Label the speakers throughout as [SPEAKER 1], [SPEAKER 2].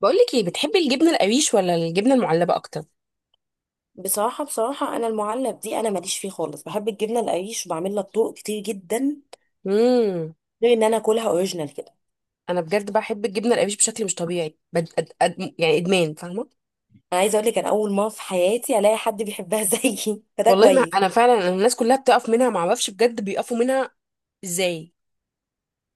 [SPEAKER 1] بقولك ايه، بتحبي الجبنه القريش ولا الجبنه المعلبه اكتر؟
[SPEAKER 2] بصراحة أنا المعلب دي أنا ماليش فيه خالص، بحب الجبنة القريش وبعمل لها طرق كتير جدا،
[SPEAKER 1] امم
[SPEAKER 2] غير إن أنا أكلها أوريجينال كده.
[SPEAKER 1] انا بجد بحب الجبنه القريش بشكل مش طبيعي. يعني ادمان، فاهمه.
[SPEAKER 2] أنا عايزة أقول لك، أنا أول مرة في حياتي ألاقي حد بيحبها زيي، فده
[SPEAKER 1] والله ما
[SPEAKER 2] كويس.
[SPEAKER 1] انا، فعلا أنا الناس كلها بتقف منها، ما اعرفش بجد بيقفوا منها ازاي.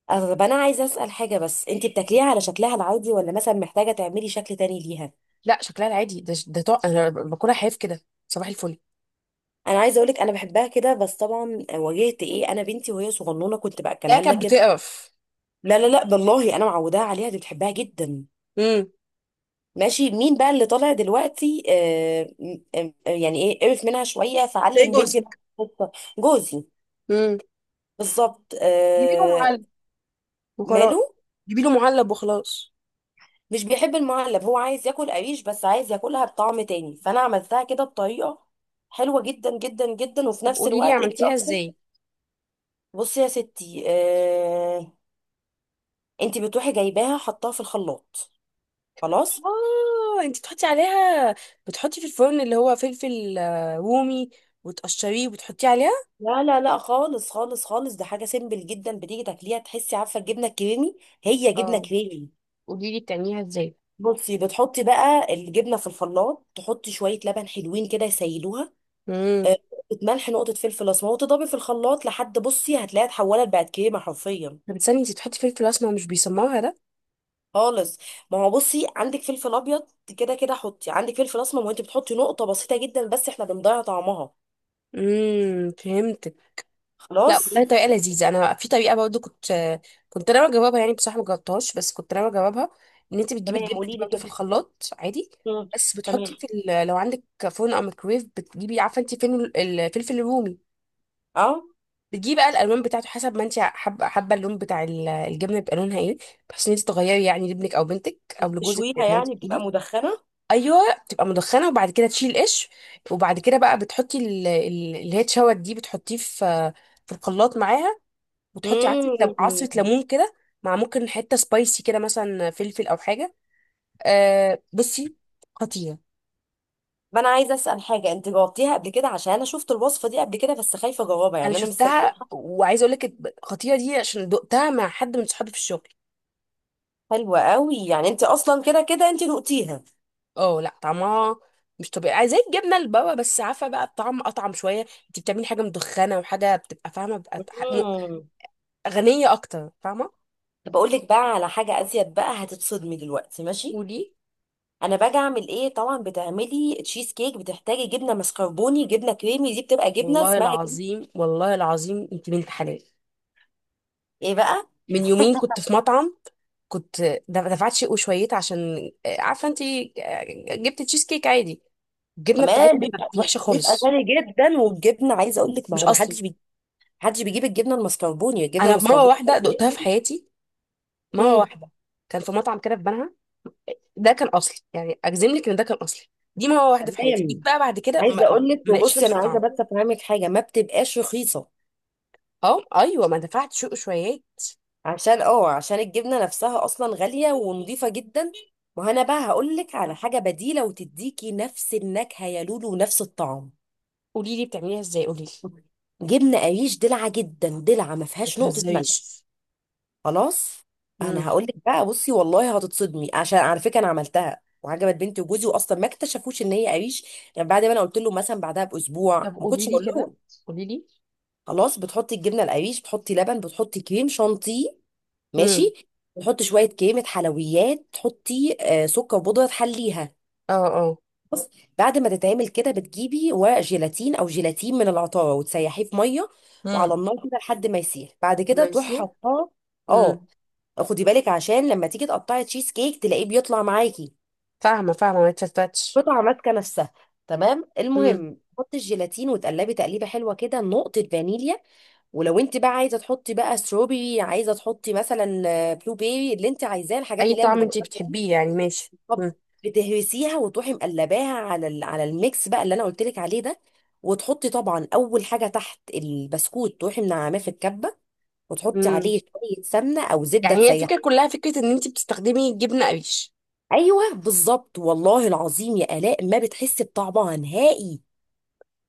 [SPEAKER 2] طب أنا عايزة أسأل حاجة، بس أنت بتاكليها على شكلها العادي ولا مثلا محتاجة تعملي شكل تاني ليها؟
[SPEAKER 1] لا، شكلها العادي ده، انا باكلها حاف كده. صباح الفل.
[SPEAKER 2] أنا عايزة أقول لك، أنا بحبها كده، بس طبعا واجهت إيه، أنا بنتي وهي صغنونة كنت
[SPEAKER 1] لا،
[SPEAKER 2] بأكلها لها
[SPEAKER 1] كانت
[SPEAKER 2] كده.
[SPEAKER 1] بتقرف.
[SPEAKER 2] لا لا لا، بالله أنا معوداها عليها، دي بتحبها جدا.
[SPEAKER 1] امم
[SPEAKER 2] ماشي، مين بقى اللي طالع دلوقتي؟ آه يعني ايه، قرف منها شويه
[SPEAKER 1] تلاقي
[SPEAKER 2] فعلم بنتي.
[SPEAKER 1] جوزك.
[SPEAKER 2] الخطة. جوزي.
[SPEAKER 1] امم
[SPEAKER 2] بالظبط
[SPEAKER 1] جيبي له
[SPEAKER 2] آه.
[SPEAKER 1] معلب وخلاص.
[SPEAKER 2] ماله؟
[SPEAKER 1] جيبي له معلب وخلاص.
[SPEAKER 2] مش بيحب المعلب، هو عايز ياكل قريش بس عايز ياكلها بطعم تاني، فانا عملتها كده بطريقه حلوه جدا جدا جدا، وفي
[SPEAKER 1] طب
[SPEAKER 2] نفس
[SPEAKER 1] قولي لي
[SPEAKER 2] الوقت انت
[SPEAKER 1] عملتيها
[SPEAKER 2] اصلا.
[SPEAKER 1] ازاي.
[SPEAKER 2] بصي يا ستي آه، انت بتروحي جايباها حطاها في الخلاط. خلاص.
[SPEAKER 1] اه، انت بتحطي عليها، بتحطي في الفرن اللي هو فلفل آه، رومي، وتقشريه وبتحطيه عليها.
[SPEAKER 2] لا لا لا خالص خالص خالص، ده حاجه سيمبل جدا، بتيجي تاكليها تحسي، عارفه الجبنه الكريمي؟ هي جبنه
[SPEAKER 1] اه
[SPEAKER 2] كريمي.
[SPEAKER 1] قولي لي بتعمليها ازاي.
[SPEAKER 2] بصي، بتحطي بقى الجبنه في الخلاط، تحطي شويه لبن حلوين كده يسيلوها،
[SPEAKER 1] امم
[SPEAKER 2] آه، نقطه ملح، نقطه فلفل اسمر، وتضربي في الخلاط لحد بصي هتلاقيها اتحولت بقت كريمه حرفيا.
[SPEAKER 1] طب استني، انت بتحطي فلفل اسمر، مش بيسمرها ده؟
[SPEAKER 2] خالص. ما هو بصي، عندك فلفل ابيض كده كده، حطي عندك فلفل اسمر، وانت بتحطي نقطه بسيطه جدا بس، احنا بنضيع طعمها.
[SPEAKER 1] فهمتك. لا
[SPEAKER 2] خلاص.
[SPEAKER 1] والله طريقه لذيذه. انا في طريقه برضو كنت كنت انا بجربها، يعني بصراحه ما جربتهاش، بس كنت انا بجربها. ان انت بتجيبي
[SPEAKER 2] تمام
[SPEAKER 1] الجبنه
[SPEAKER 2] قولي
[SPEAKER 1] دي
[SPEAKER 2] لي
[SPEAKER 1] برضو في
[SPEAKER 2] كده.
[SPEAKER 1] الخلاط عادي،
[SPEAKER 2] مم.
[SPEAKER 1] بس
[SPEAKER 2] تمام.
[SPEAKER 1] بتحطي في لو عندك فرن او ميكرويف، بتجيبي عارفه انت فين الفلفل الرومي،
[SPEAKER 2] اه،
[SPEAKER 1] بتجيبي بقى الالوان بتاعته حسب ما انت حابه، اللون بتاع الجبنه يبقى لونها ايه، بحيث ان انت تغيري يعني لابنك او بنتك او لجوزك
[SPEAKER 2] تشويها
[SPEAKER 1] زي ما انت
[SPEAKER 2] يعني، بتبقى
[SPEAKER 1] بتقولي.
[SPEAKER 2] مدخنه.
[SPEAKER 1] ايوه، بتبقى مدخنه، وبعد كده تشيل قش، وبعد كده بقى بتحطي اللي هي اتشوت دي بتحطيه في في الخلاط معاها، وتحطي عصره لم- عصره
[SPEAKER 2] مم.
[SPEAKER 1] ليمون كده، مع ممكن حته سبايسي كده، مثلا فلفل او حاجه. أه بصي، خطيره.
[SPEAKER 2] ما انا عايزه اسال حاجه، انت جاوبتيها قبل كده، عشان انا شفت الوصفه دي قبل كده، بس خايفه اجاوبها،
[SPEAKER 1] انا
[SPEAKER 2] يعني انا مستنيه.
[SPEAKER 1] شفتها وعايزه اقول لك، الخطيره دي عشان دقتها مع حد من صحابي في الشغل.
[SPEAKER 2] حلوة قوي، يعني انت اصلا كده كده انت نقتيها.
[SPEAKER 1] اه لا، طعمها مش طبيعي زي الجبنه البابا، بس عارفه بقى الطعم اطعم شويه، انت بتعملي حاجه مدخنه وحاجه بتبقى فاهمه،
[SPEAKER 2] مم.
[SPEAKER 1] غنيه اكتر، فاهمه.
[SPEAKER 2] طب اقول لك بقى على حاجة ازيد بقى، هتتصدمي دلوقتي، ماشي؟
[SPEAKER 1] ودي
[SPEAKER 2] انا باجي اعمل ايه؟ طبعا بتعملي تشيز كيك، بتحتاجي جبنة مسكربوني، جبنة كريمي، دي بتبقى جبنة
[SPEAKER 1] والله
[SPEAKER 2] اسمها جبنة.
[SPEAKER 1] العظيم، والله العظيم انت بنت حلال.
[SPEAKER 2] ايه بقى؟
[SPEAKER 1] من يومين كنت في مطعم، كنت دفعت شيء وشويت، عشان آه، عارفه انت آه، جبت تشيز كيك عادي، الجبنه
[SPEAKER 2] تمام.
[SPEAKER 1] بتاعتها
[SPEAKER 2] بيبقى
[SPEAKER 1] كانت وحشه
[SPEAKER 2] بيبقى
[SPEAKER 1] خالص،
[SPEAKER 2] غالي جدا، والجبنة عايزة اقول لك، ما
[SPEAKER 1] مش
[SPEAKER 2] هو ما
[SPEAKER 1] اصلي.
[SPEAKER 2] حدش محدش بيجيب الجبنة المسكربوني، الجبنة
[SPEAKER 1] انا مره
[SPEAKER 2] المسكربوني
[SPEAKER 1] واحده
[SPEAKER 2] غالية
[SPEAKER 1] دقتها في
[SPEAKER 2] جدا.
[SPEAKER 1] حياتي، مره
[SPEAKER 2] مم.
[SPEAKER 1] واحده. كان في مطعم كده في بنها، ده كان اصلي، يعني اجزم لك ان ده كان اصلي. دي مره واحده في حياتي، جيت
[SPEAKER 2] تمام.
[SPEAKER 1] بقى بعد كده
[SPEAKER 2] عايزة
[SPEAKER 1] ما
[SPEAKER 2] اقول لك،
[SPEAKER 1] ما لقيتش
[SPEAKER 2] وبصي
[SPEAKER 1] نفس
[SPEAKER 2] انا عايزة
[SPEAKER 1] الطعم.
[SPEAKER 2] بس افهمك حاجة، ما بتبقاش رخيصة،
[SPEAKER 1] اه ايوه، ما دفعت شويات.
[SPEAKER 2] عشان اه عشان الجبنة نفسها اصلا غالية ونضيفة جدا. ما انا بقى هقولك على حاجة بديلة وتديكي نفس النكهة يا لولو ونفس الطعم.
[SPEAKER 1] قولي لي بتعمليها ازاي، قولي لي.
[SPEAKER 2] جبنة قريش دلعة جدا، دلعة، ما
[SPEAKER 1] ما
[SPEAKER 2] فيهاش نقطة ملح.
[SPEAKER 1] تهزريش.
[SPEAKER 2] خلاص.
[SPEAKER 1] امم
[SPEAKER 2] انا هقولك بقى، بصي والله هتتصدمي، عشان على فكرة انا عملتها وعجبت بنتي وجوزي، واصلا ما اكتشفوش ان هي قريش. يعني بعد ما انا قلت له مثلا، بعدها
[SPEAKER 1] طب
[SPEAKER 2] باسبوع، ما
[SPEAKER 1] قولي
[SPEAKER 2] كنتش
[SPEAKER 1] لي
[SPEAKER 2] اقول
[SPEAKER 1] كده،
[SPEAKER 2] لهم.
[SPEAKER 1] قولي لي.
[SPEAKER 2] خلاص. بتحطي الجبنه القريش، بتحطي لبن، بتحطي كريم شانتيه،
[SPEAKER 1] امم
[SPEAKER 2] ماشي؟ تحط شويه كريمه حلويات، تحطي سكر وبودره تحليها،
[SPEAKER 1] اه اه.
[SPEAKER 2] بس. بعد ما تتعمل كده، بتجيبي ورق جيلاتين او جيلاتين من العطاره، وتسيحيه في ميه، وعلى
[SPEAKER 1] امم
[SPEAKER 2] النار كده لحد ما يسيح، بعد كده تروحي
[SPEAKER 1] ماشي.
[SPEAKER 2] حطاه. اه.
[SPEAKER 1] امم
[SPEAKER 2] خدي بالك، عشان لما تيجي تقطعي تشيز كيك تلاقيه بيطلع معاكي
[SPEAKER 1] فاهمه فاهمه، ما تفتتش.
[SPEAKER 2] قطعه ماسكه نفسها. تمام،
[SPEAKER 1] امم
[SPEAKER 2] المهم تحطي الجيلاتين، وتقلبي تقليبه حلوه كده، نقطه فانيليا، ولو انت بقى عايزه تحطي بقى ستروبري، عايزه تحطي مثلا بلو بيري، اللي انت عايزاه، الحاجات
[SPEAKER 1] اي
[SPEAKER 2] اللي هي
[SPEAKER 1] طعم انت
[SPEAKER 2] المجففه.
[SPEAKER 1] بتحبيه يعني، ماشي.
[SPEAKER 2] طب،
[SPEAKER 1] امم
[SPEAKER 2] بتهرسيها وتروحي مقلباها على على الميكس بقى اللي انا قلت لك عليه ده، وتحطي طبعا اول حاجه تحت البسكوت، تروحي منعماه في الكبه، وتحطي
[SPEAKER 1] امم
[SPEAKER 2] عليه شويه سمنه او زبده
[SPEAKER 1] يعني هي
[SPEAKER 2] تسيح.
[SPEAKER 1] الفكره كلها فكره ان انت بتستخدمي جبنه قريش.
[SPEAKER 2] ايوه بالظبط، والله العظيم يا الاء ما بتحسي بطعمها نهائي.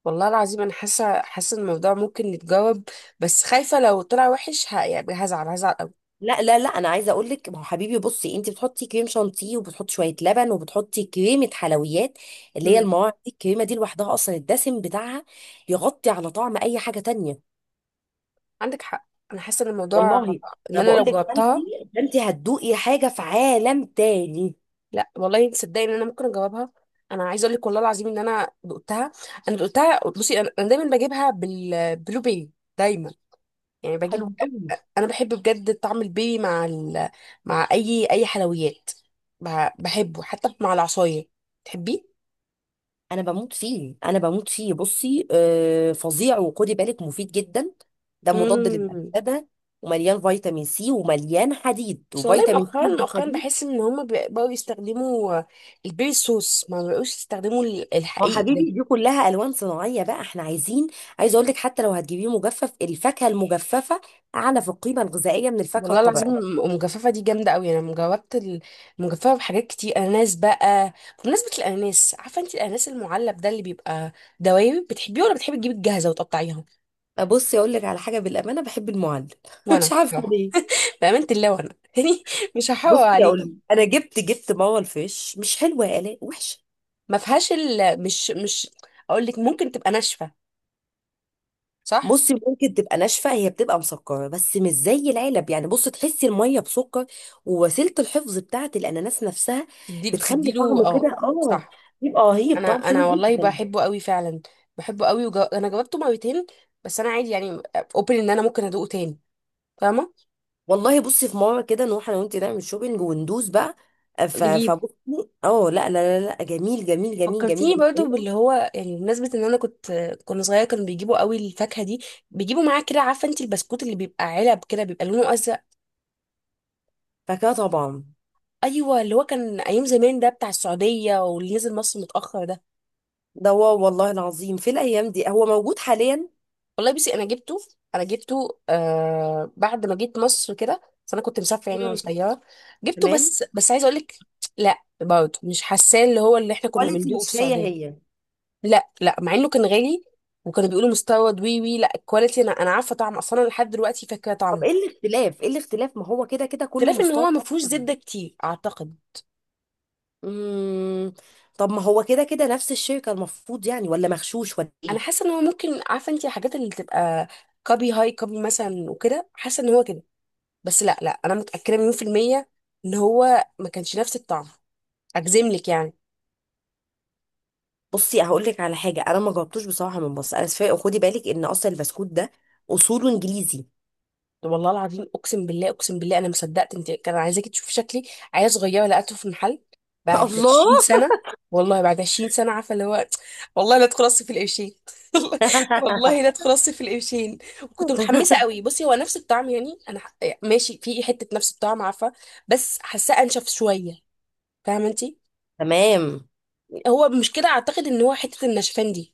[SPEAKER 1] والله العظيم انا حاسه، حاسه إن الموضوع ممكن يتجاوب، بس خايفه لو طلع وحش يعني هزعل، هزعل قوي.
[SPEAKER 2] لا لا لا، انا عايزه اقول لك، ما هو حبيبي بصي، انت بتحطي كريم شانتيه، وبتحطي شويه لبن، وبتحطي كريمه حلويات، اللي هي
[SPEAKER 1] مم.
[SPEAKER 2] المواعيد دي، الكريمه دي لوحدها اصلا، الدسم بتاعها يغطي على طعم اي حاجه تانية.
[SPEAKER 1] عندك حق. انا حاسه ان الموضوع
[SPEAKER 2] والله
[SPEAKER 1] ان
[SPEAKER 2] ما
[SPEAKER 1] انا لو
[SPEAKER 2] بقول لك،
[SPEAKER 1] جاوبتها،
[SPEAKER 2] فانتي فانتي هتدوقي حاجه في عالم تاني.
[SPEAKER 1] لا والله تصدقي ان انا ممكن اجاوبها. انا عايزه اقول لك والله العظيم ان انا دقتها. انا دقتها، بصي أنا دايما بجيبها بالبلو بيري، دايما، يعني
[SPEAKER 2] حلو
[SPEAKER 1] بجيب.
[SPEAKER 2] قوي.
[SPEAKER 1] انا بحب بجد طعم البيري مع اي حلويات. ب... بحبه حتى مع العصايه، تحبيه؟
[SPEAKER 2] انا بموت فيه، انا بموت فيه، بصي آه فظيع، وخدي بالك مفيد جدا، ده مضاد
[SPEAKER 1] مم.
[SPEAKER 2] للاكسده، ومليان فيتامين سي ومليان حديد،
[SPEAKER 1] بس والله
[SPEAKER 2] وفيتامين
[SPEAKER 1] مؤخرا،
[SPEAKER 2] سي مع
[SPEAKER 1] مؤخرا
[SPEAKER 2] حديد.
[SPEAKER 1] بحس ان هما بقوا يستخدموا البيبي صوص، ما بقوش يستخدموا
[SPEAKER 2] ما هو
[SPEAKER 1] الحقيقي ده.
[SPEAKER 2] حبيبي، دي كلها الوان صناعيه، بقى احنا عايزين. عايزه اقول لك، حتى لو هتجيبيه مجفف، الفاكهه المجففه اعلى في القيمه الغذائيه من الفاكهه
[SPEAKER 1] والله العظيم
[SPEAKER 2] الطبيعيه.
[SPEAKER 1] المجففه دي جامده قوي، انا مجربت المجففه بحاجات كتير. اناناس بقى، بمناسبه الاناناس، عارفه انت الاناناس المعلب ده اللي بيبقى دوايب بتحبيه، ولا بتحبي تجيبي الجاهزه وتقطعيها؟
[SPEAKER 2] بصي اقول لك على حاجه، بالامانه بحب المعلب مش
[SPEAKER 1] وانا
[SPEAKER 2] عارفه
[SPEAKER 1] بصراحه،
[SPEAKER 2] ليه.
[SPEAKER 1] بامانه الله وانا يعني مش هحور
[SPEAKER 2] بصي اقول لك،
[SPEAKER 1] عليكي.
[SPEAKER 2] انا جبت ماما الفيش مش حلوه يا الاء، وحشه.
[SPEAKER 1] ما فيهاش ال... مش مش اقول لك ممكن تبقى ناشفه، صح.
[SPEAKER 2] بصي ممكن تبقى ناشفه، هي بتبقى مسكره بس مش زي العلب، يعني بصي تحسي الميه بسكر، ووسيله الحفظ بتاعه الاناناس نفسها
[SPEAKER 1] تدي،
[SPEAKER 2] بتخلي
[SPEAKER 1] بتديله
[SPEAKER 2] طعمه كده،
[SPEAKER 1] اه.
[SPEAKER 2] اه،
[SPEAKER 1] صح.
[SPEAKER 2] يبقى رهيب،
[SPEAKER 1] انا
[SPEAKER 2] طعم حلو
[SPEAKER 1] انا والله
[SPEAKER 2] جدا.
[SPEAKER 1] بحبه قوي فعلا، بحبه قوي انا جاوبته مرتين، بس انا عادي يعني، اوبن ان انا ممكن ادوقه تاني، فاهمه.
[SPEAKER 2] والله بصي، في مره كده نروح انا وانت نعمل شوبينج وندوس بقى، ف-
[SPEAKER 1] نجيب،
[SPEAKER 2] فبصي اه لا لا لا لا، جميل جميل جميل جميل
[SPEAKER 1] فكرتيني برضو باللي
[SPEAKER 2] بطريقه.
[SPEAKER 1] هو يعني، بمناسبة ان انا كنت، كنا صغيرة كانوا بيجيبوا قوي الفاكهة دي، بيجيبوا معاه كده، عارفة انت البسكوت اللي بيبقى علب كده بيبقى لونه ازرق.
[SPEAKER 2] فكده طبعا.
[SPEAKER 1] ايوه، اللي هو كان ايام زمان، ده بتاع السعودية، واللي نزل مصر متأخر ده.
[SPEAKER 2] ده هو والله العظيم، في الايام دي هو موجود حاليا.
[SPEAKER 1] والله بصي انا جبته، انا جبته آه بعد ما جيت مصر كده، بس انا كنت مسافره يعني وانا
[SPEAKER 2] مم.
[SPEAKER 1] صغيره. جبته،
[SPEAKER 2] تمام.
[SPEAKER 1] بس عايزه اقول لك، لا برضه مش حاساه اللي هو اللي احنا كنا
[SPEAKER 2] كواليتي
[SPEAKER 1] بندوقه في
[SPEAKER 2] مش هي
[SPEAKER 1] السعوديه.
[SPEAKER 2] هي.
[SPEAKER 1] لا لا، مع انه كان غالي وكانوا بيقولوا مستورد، وي وي، لا الكواليتي، انا عارفه طعمه، اصلا أنا لحد دلوقتي فاكره
[SPEAKER 2] طب ايه
[SPEAKER 1] طعمه.
[SPEAKER 2] الاختلاف؟ ايه الاختلاف؟ ما هو كده كده كله
[SPEAKER 1] اختلاف ان هو
[SPEAKER 2] مستورد.
[SPEAKER 1] ما فيهوش زبده كتير اعتقد.
[SPEAKER 2] امم. طب ما هو كده كده نفس الشركه المفروض، يعني ولا مغشوش ولا
[SPEAKER 1] انا
[SPEAKER 2] ايه؟
[SPEAKER 1] حاسه ان هو ممكن، عارفه انت الحاجات اللي تبقى كابي هاي كابي مثلا وكده، حاسه ان هو كده، بس لا لا، انا متاكده مليون في الميه ان هو ما كانش نفس الطعم، اجزم لك يعني.
[SPEAKER 2] بصي هقول لك على حاجه، انا ما جربتوش بصراحه، من بص، انا اسفه، خدي بالك ان اصلا البسكوت ده اصوله انجليزي.
[SPEAKER 1] طب والله العظيم، اقسم بالله، اقسم بالله انا ما صدقت، انت كان عايزاكي تشوفي شكلي، عيال صغيره لقيته في المحل بعد
[SPEAKER 2] الله.
[SPEAKER 1] 20 سنه. والله بعد 20 سنه، عارفه اللي هو، والله لا ادخل اصرف في القرشين. والله لا ادخل اصرف في القرشين. كنت متحمسه قوي، بصي هو نفس الطعم يعني يعني ماشي، في حته نفس الطعم عارفه، بس حاساه انشف شويه، فاهمه انت.
[SPEAKER 2] تمام.
[SPEAKER 1] هو مش كده اعتقد، ان هو حته النشفان دي.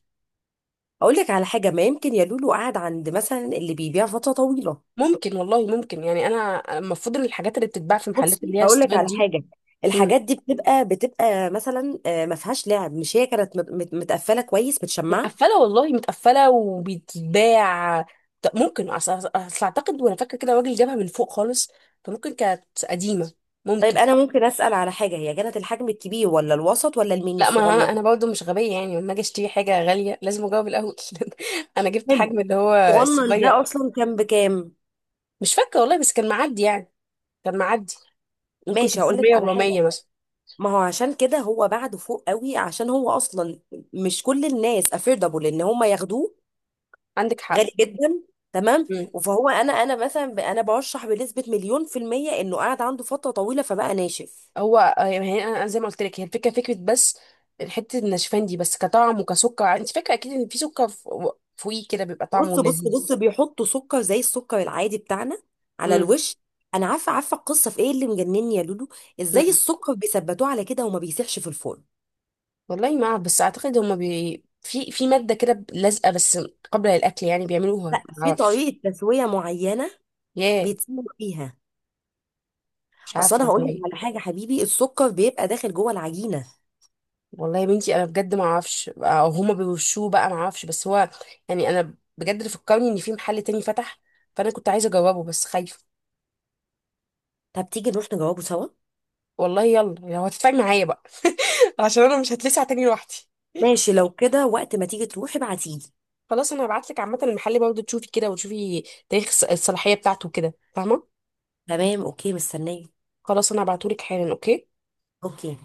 [SPEAKER 2] اقول لك على حاجه، ما يمكن يا لولو قعد عند مثلا اللي بيبيع فتره طويله.
[SPEAKER 1] ممكن والله، ممكن. يعني انا المفروض ان الحاجات اللي بتتباع في محلات
[SPEAKER 2] بصي
[SPEAKER 1] اللي هي
[SPEAKER 2] اقول لك
[SPEAKER 1] الاستيراد
[SPEAKER 2] على
[SPEAKER 1] دي
[SPEAKER 2] حاجه، الحاجات دي بتبقى مثلا ما فيهاش لعب، مش هي كانت متقفله كويس، متشمعه.
[SPEAKER 1] متقفله، والله متقفله وبيتباع. ممكن، أصل اعتقد وانا فاكره كده، الراجل جابها من فوق خالص، فممكن كانت قديمه،
[SPEAKER 2] طيب
[SPEAKER 1] ممكن.
[SPEAKER 2] انا ممكن اسال على حاجه، هي كانت الحجم الكبير ولا الوسط ولا الميني
[SPEAKER 1] لا، ما انا
[SPEAKER 2] الصغنن؟
[SPEAKER 1] انا برضه مش غبيه يعني، لما اجي اشتري حاجه غاليه لازم اجاوب الاول. انا جبت
[SPEAKER 2] حلو.
[SPEAKER 1] حجم اللي هو
[SPEAKER 2] الصغنن ده
[SPEAKER 1] الصغير.
[SPEAKER 2] اصلا كان بكام؟
[SPEAKER 1] مش فاكره والله، بس كان معدي يعني، كان معدي. ممكن
[SPEAKER 2] ماشي هقول لك
[SPEAKER 1] 300
[SPEAKER 2] على حاجه.
[SPEAKER 1] و400 مثلا.
[SPEAKER 2] ما هو عشان كده هو بعده فوق قوي، عشان هو اصلا مش كل الناس افوردابل ان هم ياخدوه.
[SPEAKER 1] عندك حق.
[SPEAKER 2] غالي جدا. تمام.
[SPEAKER 1] مم.
[SPEAKER 2] فهو انا مثلا، انا برشح بنسبه مليون في الميه انه قاعد عنده فتره طويله فبقى ناشف.
[SPEAKER 1] هو آه، يعني أنا زي ما قلت لك، هي الفكره فكره، بس حته النشفان دي، بس كطعم وكسكر، انت فاكره اكيد ان في سكر فوقيه كده بيبقى طعمه
[SPEAKER 2] بص بص
[SPEAKER 1] لذيذ.
[SPEAKER 2] بص، بيحطوا سكر زي السكر العادي بتاعنا على
[SPEAKER 1] مم.
[SPEAKER 2] الوش. انا عارفه، عارفه القصه في ايه اللي مجنني يا لولو، ازاي
[SPEAKER 1] مم.
[SPEAKER 2] السكر بيثبتوه على كده وما بيسيحش في الفرن.
[SPEAKER 1] والله ما اعرف، بس اعتقد هما بي... في في ماده كده لازقه بس، قبل الاكل يعني، بيعملوها،
[SPEAKER 2] لا
[SPEAKER 1] ما
[SPEAKER 2] في
[SPEAKER 1] اعرفش.
[SPEAKER 2] طريقه تسويه معينه
[SPEAKER 1] ياه.
[SPEAKER 2] بيتسوى بيها.
[SPEAKER 1] مش
[SPEAKER 2] اصل
[SPEAKER 1] عارفه
[SPEAKER 2] انا هقول لك
[SPEAKER 1] والله.
[SPEAKER 2] على حاجه حبيبي، السكر بيبقى داخل جوه العجينه.
[SPEAKER 1] والله يا بنتي انا بجد ما اعرفش، او هما بيوشوه بقى، ما اعرفش. بس هو يعني انا بجد اللي فكرني ان في محل تاني فتح، فانا كنت عايزه اجربه بس خايفه.
[SPEAKER 2] طب تيجي نروح نجاوبه سوا.
[SPEAKER 1] والله يلا لو هتدفعي معايا بقى عشان انا مش هتلسع تاني لوحدي.
[SPEAKER 2] ماشي، لو كده وقت ما تيجي تروحي ابعتيلي.
[SPEAKER 1] خلاص انا هبعت لك، عامه المحل برضه تشوفي كده، وتشوفي تاريخ الصلاحيه بتاعته كده، فاهمه.
[SPEAKER 2] تمام اوكي، مستنيه.
[SPEAKER 1] خلاص انا هبعته لك حالا، اوكي.
[SPEAKER 2] اوكي.